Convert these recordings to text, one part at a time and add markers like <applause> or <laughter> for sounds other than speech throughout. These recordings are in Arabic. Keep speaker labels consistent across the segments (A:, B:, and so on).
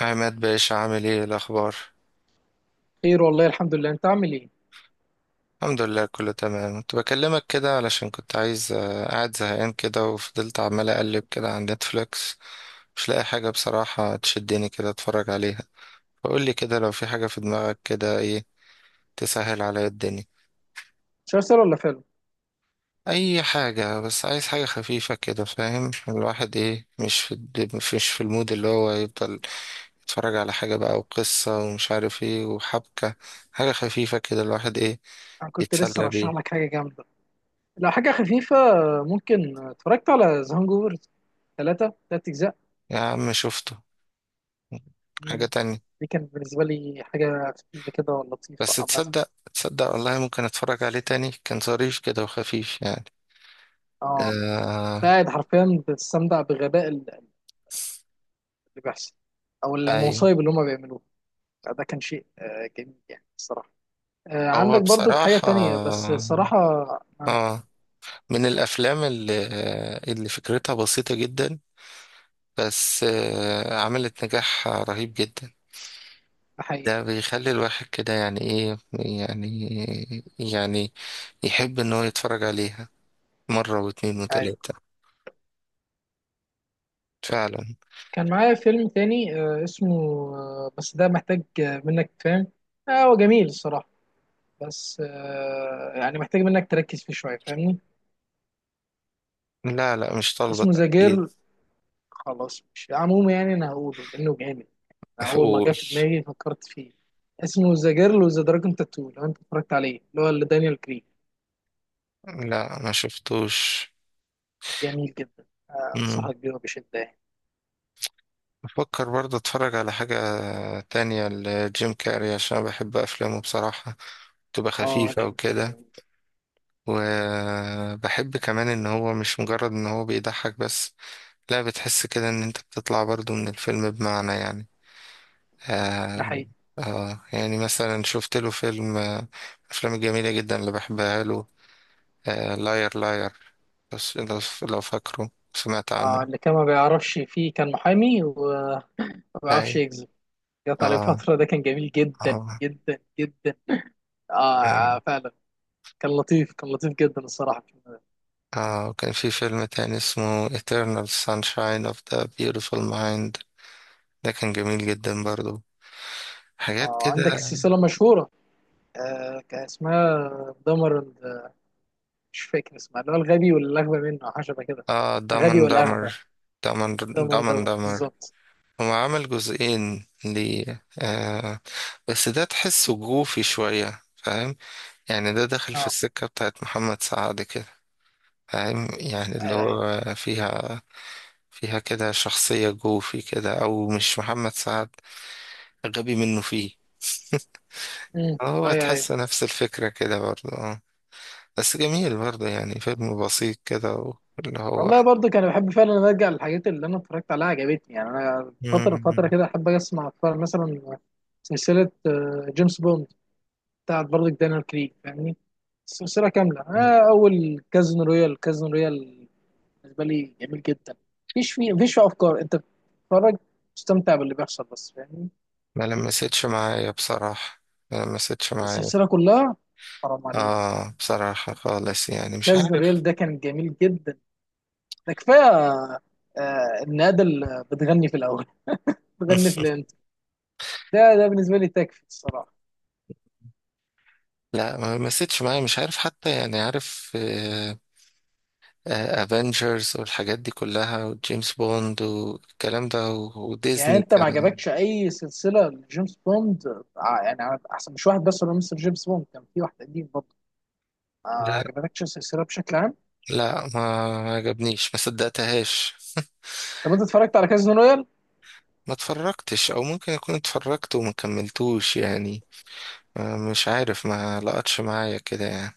A: عماد باشا، عامل ايه؟ إيه الاخبار؟
B: خير والله، الحمد لله. انت عامل ايه؟
A: الحمد لله كله تمام. كنت بكلمك كده علشان كنت عايز قاعد زهقان كده، وفضلت عمال اقلب كده على نتفليكس. مش لاقي حاجه بصراحه تشدني كده اتفرج عليها. فقول لي كده لو في حاجه في دماغك كده، ايه تسهل عليا الدنيا.
B: مسلسل ولا فيلم؟
A: اي حاجه، بس عايز حاجه خفيفه كده، فاهم الواحد ايه؟ مش في المود اللي هو يفضل يتفرج على حاجه بقى وقصه ومش عارف ايه وحبكه. حاجه خفيفه كده الواحد ايه
B: انا كنت لسه
A: يتسلى
B: رشح
A: بيها.
B: لك حاجه جامده. لو حاجه خفيفه، ممكن اتفرجت على ذا هانجوفر. ثلاث اجزاء.
A: يا عم شفته، حاجة
B: مم.
A: تانية.
B: دي كانت بالنسبه لي حاجه خفيفه كده ولطيفه
A: بس
B: عامه.
A: تصدق تصدق والله، ممكن اتفرج عليه تاني، كان ظريف كده وخفيف يعني.
B: اه، كنت
A: آه
B: قاعد حرفيا بتستمتع بغباء اللي بيحصل او
A: أي.
B: المصايب اللي هم بيعملوه. ده كان شيء جميل يعني الصراحه.
A: هو
B: عندك برضك حاجه
A: بصراحة،
B: تانية بس صراحه؟ معاك.
A: آه من الأفلام اللي فكرتها بسيطة جدا، بس عملت نجاح رهيب جدا.
B: ده حقيقي.
A: ده بيخلي الواحد كده يعني إيه يعني، يعني يحب إن هو يتفرج عليها مرة واتنين
B: ايوه.
A: وتلاتة، فعلا.
B: كان معايا فيلم تاني اسمه، بس ده محتاج منك، فاهم؟ هو جميل الصراحة، بس يعني محتاج منك تركز فيه شوية فاهمني.
A: لا لا، مش طالبة
B: اسمه ذا جيرل.
A: تركيز.
B: خلاص، مش عموما يعني أنا هقوله لأنه جامد. أنا أول ما جه
A: قول.
B: في دماغي فكرت فيه. اسمه ذا جيرل وذا دراجون تاتو، لو أنت اتفرجت عليه، اللي هو اللي دانيال كريج.
A: لا، ما شفتوش.
B: جميل جدا.
A: مم.
B: أنصحك بيه بشدة يعني.
A: بفكر برضه اتفرج على حاجة تانية لجيم كاري عشان بحب افلامه بصراحة، تبقى
B: أه،
A: خفيفة
B: جيم كاري
A: وكده.
B: جميل.
A: وبحب كمان ان هو مش مجرد ان هو بيضحك بس، لا، بتحس كده ان انت بتطلع برضه من الفيلم، بمعنى يعني.
B: ده
A: آه
B: حقيقي.
A: يعني مثلا شفت له فيلم افلام جميلة جدا اللي بحبها له. آه، لاير لاير. بس لو فاكره، سمعت
B: آه،
A: عنه.
B: اللي كان ما بيعرفش فيه كان محامي وما بيعرفش
A: اي.
B: يكذب. قطع لي
A: اه.
B: فترة، ده كان جميل جدا
A: اه.
B: جدا جدا. آه. آه،
A: أم.
B: فعلا. كان لطيف، كان لطيف جدا الصراحة.
A: اه، وكان في فيلم تاني اسمه Eternal Sunshine of the Beautiful Mind، ده كان جميل جدا برضو. حاجات
B: آه، عندك
A: كده.
B: السلسلة مشهورة. آه، كان اسمها دمر. مش فاكر اسمها، اللي هو الغبي والأغبى منه أو حاجة شبه كده.
A: اه،
B: الغبي
A: دامن
B: والأغبى.
A: دامر. دامن
B: دمر
A: دامن
B: دمر
A: دامر.
B: بالظبط.
A: هو عمل جزئين ليه، بس ده تحسه جوفي شوية، فاهم يعني؟ ده داخل في
B: اه.
A: السكة بتاعت محمد سعد كده، فاهم يعني اللي
B: أيوه، أيوه.
A: هو فيها؟ فيها كده شخصية جوفي كده، أو مش محمد سعد، غبي منه فيه.
B: أمم.
A: هو
B: أيوه، أيوه.
A: تحس نفس الفكرة كده برضه، اه. بس جميل برضه يعني، فيلم بسيط كده واللي هو.
B: والله برضه كان بحب فعلا إن ارجع للحاجات اللي انا اتفرجت عليها عجبتني. يعني انا فتره فتره
A: مم.
B: كده احب اتفرج مثلا سلسله جيمس بوند بتاعت برضه دانيال كريج فاهمني. السلسله كامله، اول كازينو رويال. كازينو رويال بالنسبه لي جميل جدا. مفيش فيه افكار، انت بتتفرج تستمتع باللي بيحصل بس فاهمني.
A: ما لمستش معايا بصراحة، ما لمستش معايا.
B: السلسله كلها، حرام عليك.
A: اه، بصراحة خالص يعني، مش
B: كازينو
A: عارف.
B: رويال ده كان جميل جدا، ده كفايه. النادي اللي بتغني في الاول، <laughs> بتغني في
A: <laughs>
B: الانت. ده بالنسبه لي تكفي الصراحه.
A: لا، ما لمستش معايا، مش عارف حتى يعني، عارف افنجرز والحاجات دي كلها وجيمس بوند والكلام ده،
B: يعني
A: وديزني
B: انت ما
A: كمان.
B: عجبكش اي سلسله لجيمس بوند؟ يعني احسن مش واحد بس، ولا مستر جيمس بوند كان في واحد قديم برضه. ما
A: لا
B: عجبتكش السلسله بشكل عام؟
A: لا، ما عجبنيش، ما صدقتهاش. <laughs>
B: طب انت اتفرجت على كازينو رويال؟
A: ما اتفرجتش، او ممكن اكون اتفرجت وما كملتوش يعني. مش عارف، ما لقتش معايا كده يعني.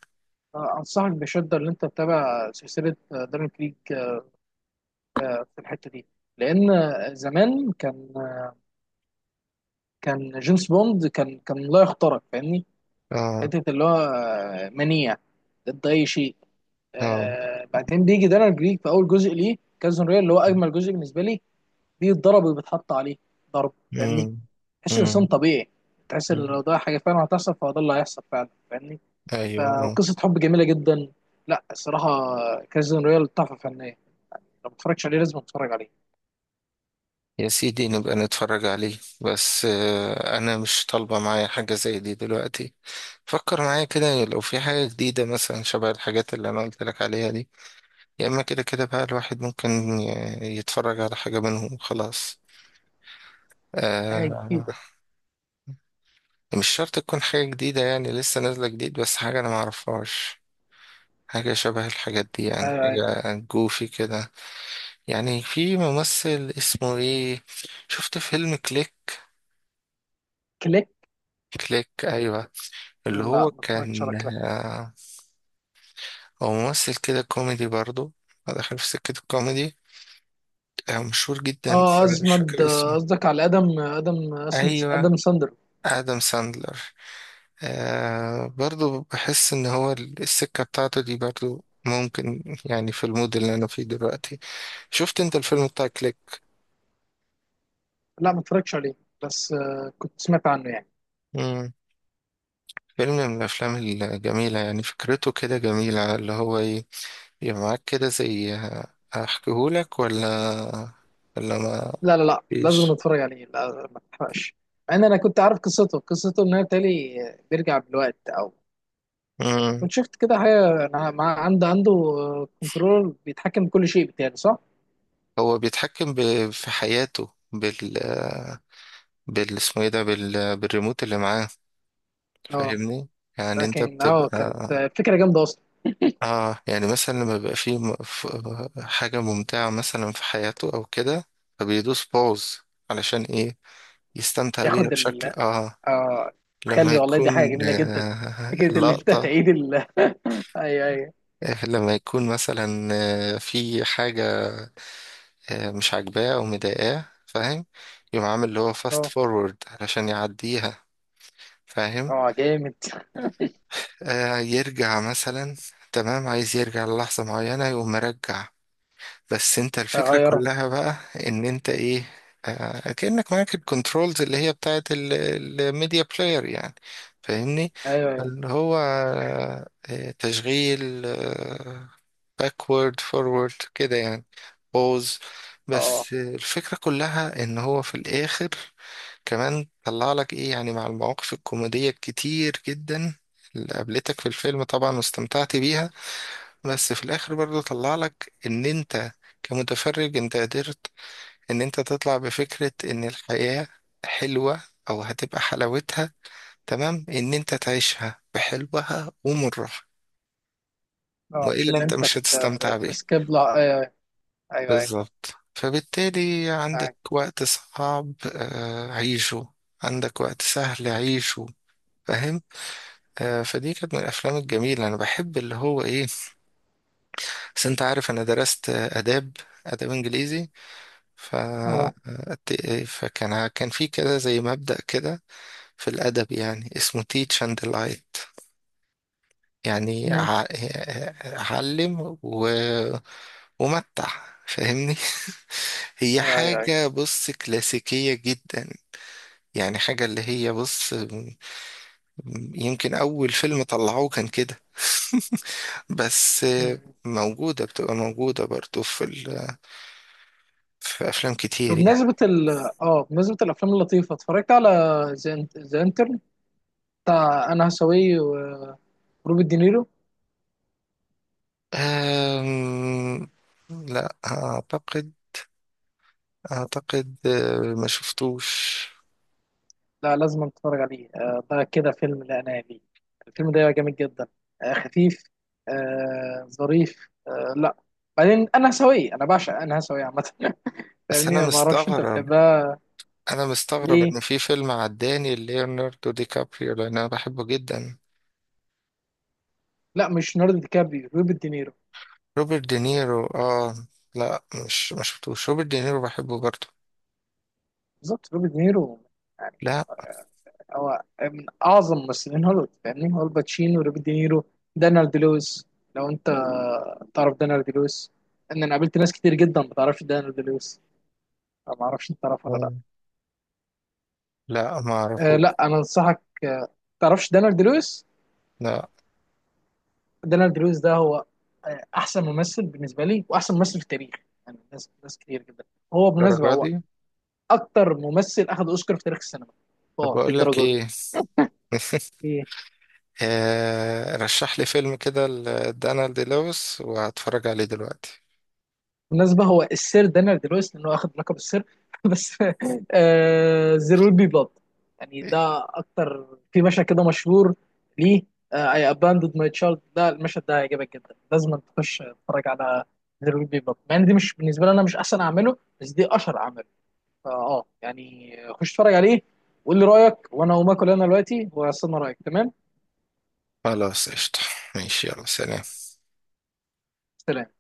B: آه، انصحك بشده ان انت تتابع سلسله دارين كريك في الحته دي، لان زمان كان جيمس بوند كان لا يخترق فاهمني.
A: اه.
B: حته اللي هو منيع ضد اي شيء.
A: اه.
B: بعدين بيجي دارين كريك في اول جزء ليه كازينو رويال، اللي هو اجمل جزء بالنسبه لي. بيتضرب وبيتحط عليه ضرب فاهمني.
A: امم.
B: تحس انسان
A: امم.
B: طبيعي. تحس ان
A: أمم.
B: لو ده حاجه فعلا هتحصل فهو ده اللي هيحصل فعلا فاهمني.
A: ايوه، اه.
B: فقصه حب جميله جدا. لا الصراحه، كازين رويال تحفه فنيه. لو ما اتفرجتش عليه لازم اتفرج عليه.
A: يا سيدي، نبقى نتفرج عليه، بس انا مش طالبه معايا حاجه زي دي دلوقتي. فكر معايا كده لو في حاجه جديده مثلا شبه الحاجات اللي انا قلت لك عليها دي. يا اما كده كده بقى الواحد ممكن يتفرج على حاجه منهم خلاص.
B: حاجه
A: آه
B: جديده.
A: مش شرط تكون حاجة جديدة يعني لسه نازلة جديد، بس حاجة أنا معرفهاش. حاجة شبه الحاجات دي يعني،
B: آه،
A: حاجة جوفي كده. يعني، في ممثل اسمه ايه، شفت فيلم كليك؟
B: كليك.
A: كليك، أيوة. اللي
B: لا
A: هو
B: ما اتفرجتش على
A: كان،
B: كليك.
A: هو ممثل كده كوميدي برضو، داخل في سكة الكوميدي. آه، مشهور جدا بس
B: اه،
A: أنا مش
B: ازمد
A: فاكر اسمه.
B: قصدك على ادم ادم
A: أيوة،
B: ادم ساندر.
A: آدم ساندلر. برضو بحس إن هو، السكة بتاعته دي برضو ممكن يعني في المود اللي أنا فيه دلوقتي. شفت انت الفيلم بتاع كليك؟
B: لا ما اتفرجتش عليه، بس كنت سمعت عنه يعني.
A: مم. فيلم من الافلام الجميله يعني، فكرته كده جميله اللي هو ايه، يبقى معاك كده زي. احكيهولك ولا ما
B: لا، لا، لا، لازم
A: فيش؟
B: نتفرج عليه. لا، ما تحرقش. مع ان انا كنت عارف قصته ان هو تالي بيرجع بالوقت، او
A: مم.
B: كنت شفت كده حاجه. أنا عنده كنترول بيتحكم بكل شيء بتاعي، صح؟
A: هو بيتحكم في حياته بال اسمه ايه ده، بالريموت اللي معاه،
B: اه.
A: فاهمني؟ يعني انت
B: لكن كانت
A: بتبقى،
B: فكره جامده اصلا.
A: اه. يعني مثلا لما بيبقى فيه حاجه ممتعه مثلا في حياته او كده، فبيدوس باوز علشان ايه، يستمتع بيها
B: ياخد
A: بشكل،
B: ال.
A: اه.
B: اه.
A: لما
B: تخلي والله دي
A: يكون
B: حاجه جميله جدا.
A: آه
B: فكره اللي انت
A: اللقطة
B: تعيد ال. <laughs> ايوه، ايوه.
A: آه، لما يكون مثلا في حاجة مش عاجباه أو مضايقاه، فاهم؟ يقوم عامل اللي هو فاست
B: اه.
A: فورورد علشان يعديها، فاهم؟
B: اه، جامد.
A: يرجع مثلا، تمام، عايز يرجع للحظة معينة يقوم مرجع. بس انت الفكرة
B: غيره.
A: كلها بقى ان انت ايه، كأنك معاك الكنترولز اللي هي بتاعت الميديا بلاير يعني، فاهمني.
B: ايوه، ايوه.
A: اللي هو تشغيل باكورد فورورد كده يعني، بوز.
B: اه،
A: بس الفكرة كلها ان هو في الاخر كمان طلع لك ايه يعني، مع المواقف الكوميدية الكتير جدا اللي قابلتك في الفيلم طبعا واستمتعت بيها، بس في الاخر برضو طلع لك ان انت كمتفرج انت قدرت ان انت تطلع بفكرة ان الحياة حلوة، او هتبقى حلاوتها تمام ان انت تعيشها بحلوها ومرها،
B: اه. مش
A: والا
B: اللي
A: انت
B: انت
A: مش هتستمتع بيها.
B: تسكيب، لا، ايوه. ايوه، ايوه.
A: بالظبط. فبالتالي عندك
B: ايوه.
A: وقت صعب عيشه، عندك وقت سهل عيشه، فاهم؟ فدي كانت من الافلام الجميلة. انا بحب اللي هو ايه، بس انت عارف انا درست اداب انجليزي. ف...
B: اه.
A: فكان في كده زي مبدأ كده في الأدب، يعني اسمه teach and delight، يعني
B: أمم.
A: علم ومتع، فاهمني؟ <laughs> هي
B: ايوه، ايوه، ايوه.
A: حاجة بص كلاسيكية جدا يعني، حاجة اللي هي بص، يمكن أول فيلم طلعوه كان كده. <laughs> بس
B: أمم.
A: موجودة، بتبقى موجودة برضو في في أفلام كتير يعني.
B: بمناسبة ال اه بمناسبة الأفلام اللطيفة، اتفرجت على ذا انترن بتاع أنا هساوي وروبرت دينيرو.
A: أم... لا أعتقد ما شفتوش.
B: لا، لازم اتفرج عليه، ده كده فيلم. لا انا ليه، الفيلم ده جامد جدا، خفيف، ظريف، لا. بعدين انا هسويه، انا بعشق، انا هسويه عامه. <laughs>
A: بس
B: فاهمني، انا ما اعرفش انت بتحبها
A: أنا مستغرب
B: ليه.
A: إن في فيلم عداني ليوناردو دي كابريو، لأن أنا بحبه جدا.
B: لا، مش ليوناردو دي كابريو، روبرت دينيرو.
A: روبرت دينيرو، آه. لا، مش ما شفتوش، روبرت دينيرو بحبه برضه.
B: بالظبط، روبرت دينيرو. يعني
A: لا.
B: هو من اعظم ممثلين هوليوود. فاهمني، هو الباتشينو، روبرت دينيرو، دانيال دي لويس. لو انت تعرف دانيال دي لويس، ان انا قابلت ناس كتير جدا ما تعرفش دانيال دي لويس. أنا ما اعرفش انت تعرفه ولا لا.
A: آه. لا، ما
B: آه، لا،
A: أعرفوش.
B: انا انصحك. تعرفش دانيال دي لويس.
A: لا.
B: دانيال دي لويس ده هو احسن ممثل بالنسبه لي، واحسن ممثل في التاريخ. يعني ناس ناس كتير جدا. هو بالمناسبه،
A: الدرجة
B: هو
A: دي؟
B: اكتر ممثل اخذ اوسكار في تاريخ السينما.
A: طب
B: اه،
A: أقول لك
B: للدرجه
A: إيه؟ <laughs>
B: دي.
A: رشح لي فيلم كده لدانالد دي لويس وهتفرج عليه دلوقتي.
B: بالمناسبة هو السير دانيال دي لويس لأنه واخد لقب السير <laughs> بس. زيرو ويل بي بلاد، يعني ده أكتر. في مشهد كده مشهور، ليه اي اباندد ماي تشايلد. ده المشهد ده هيعجبك جدا، لازم تخش تتفرج على زيرو ويل بي بلاد. مع ان دي مش بالنسبة لي أنا مش أحسن أعمله، بس دي أشهر أعمله. فأه يعني خش اتفرج عليه وقول لي رأيك، وأنا هقوم آكل أنا دلوقتي وأستنى رأيك، تمام؟
A: خلاص قشطة، ماشي، يلا، سلام.
B: سلام.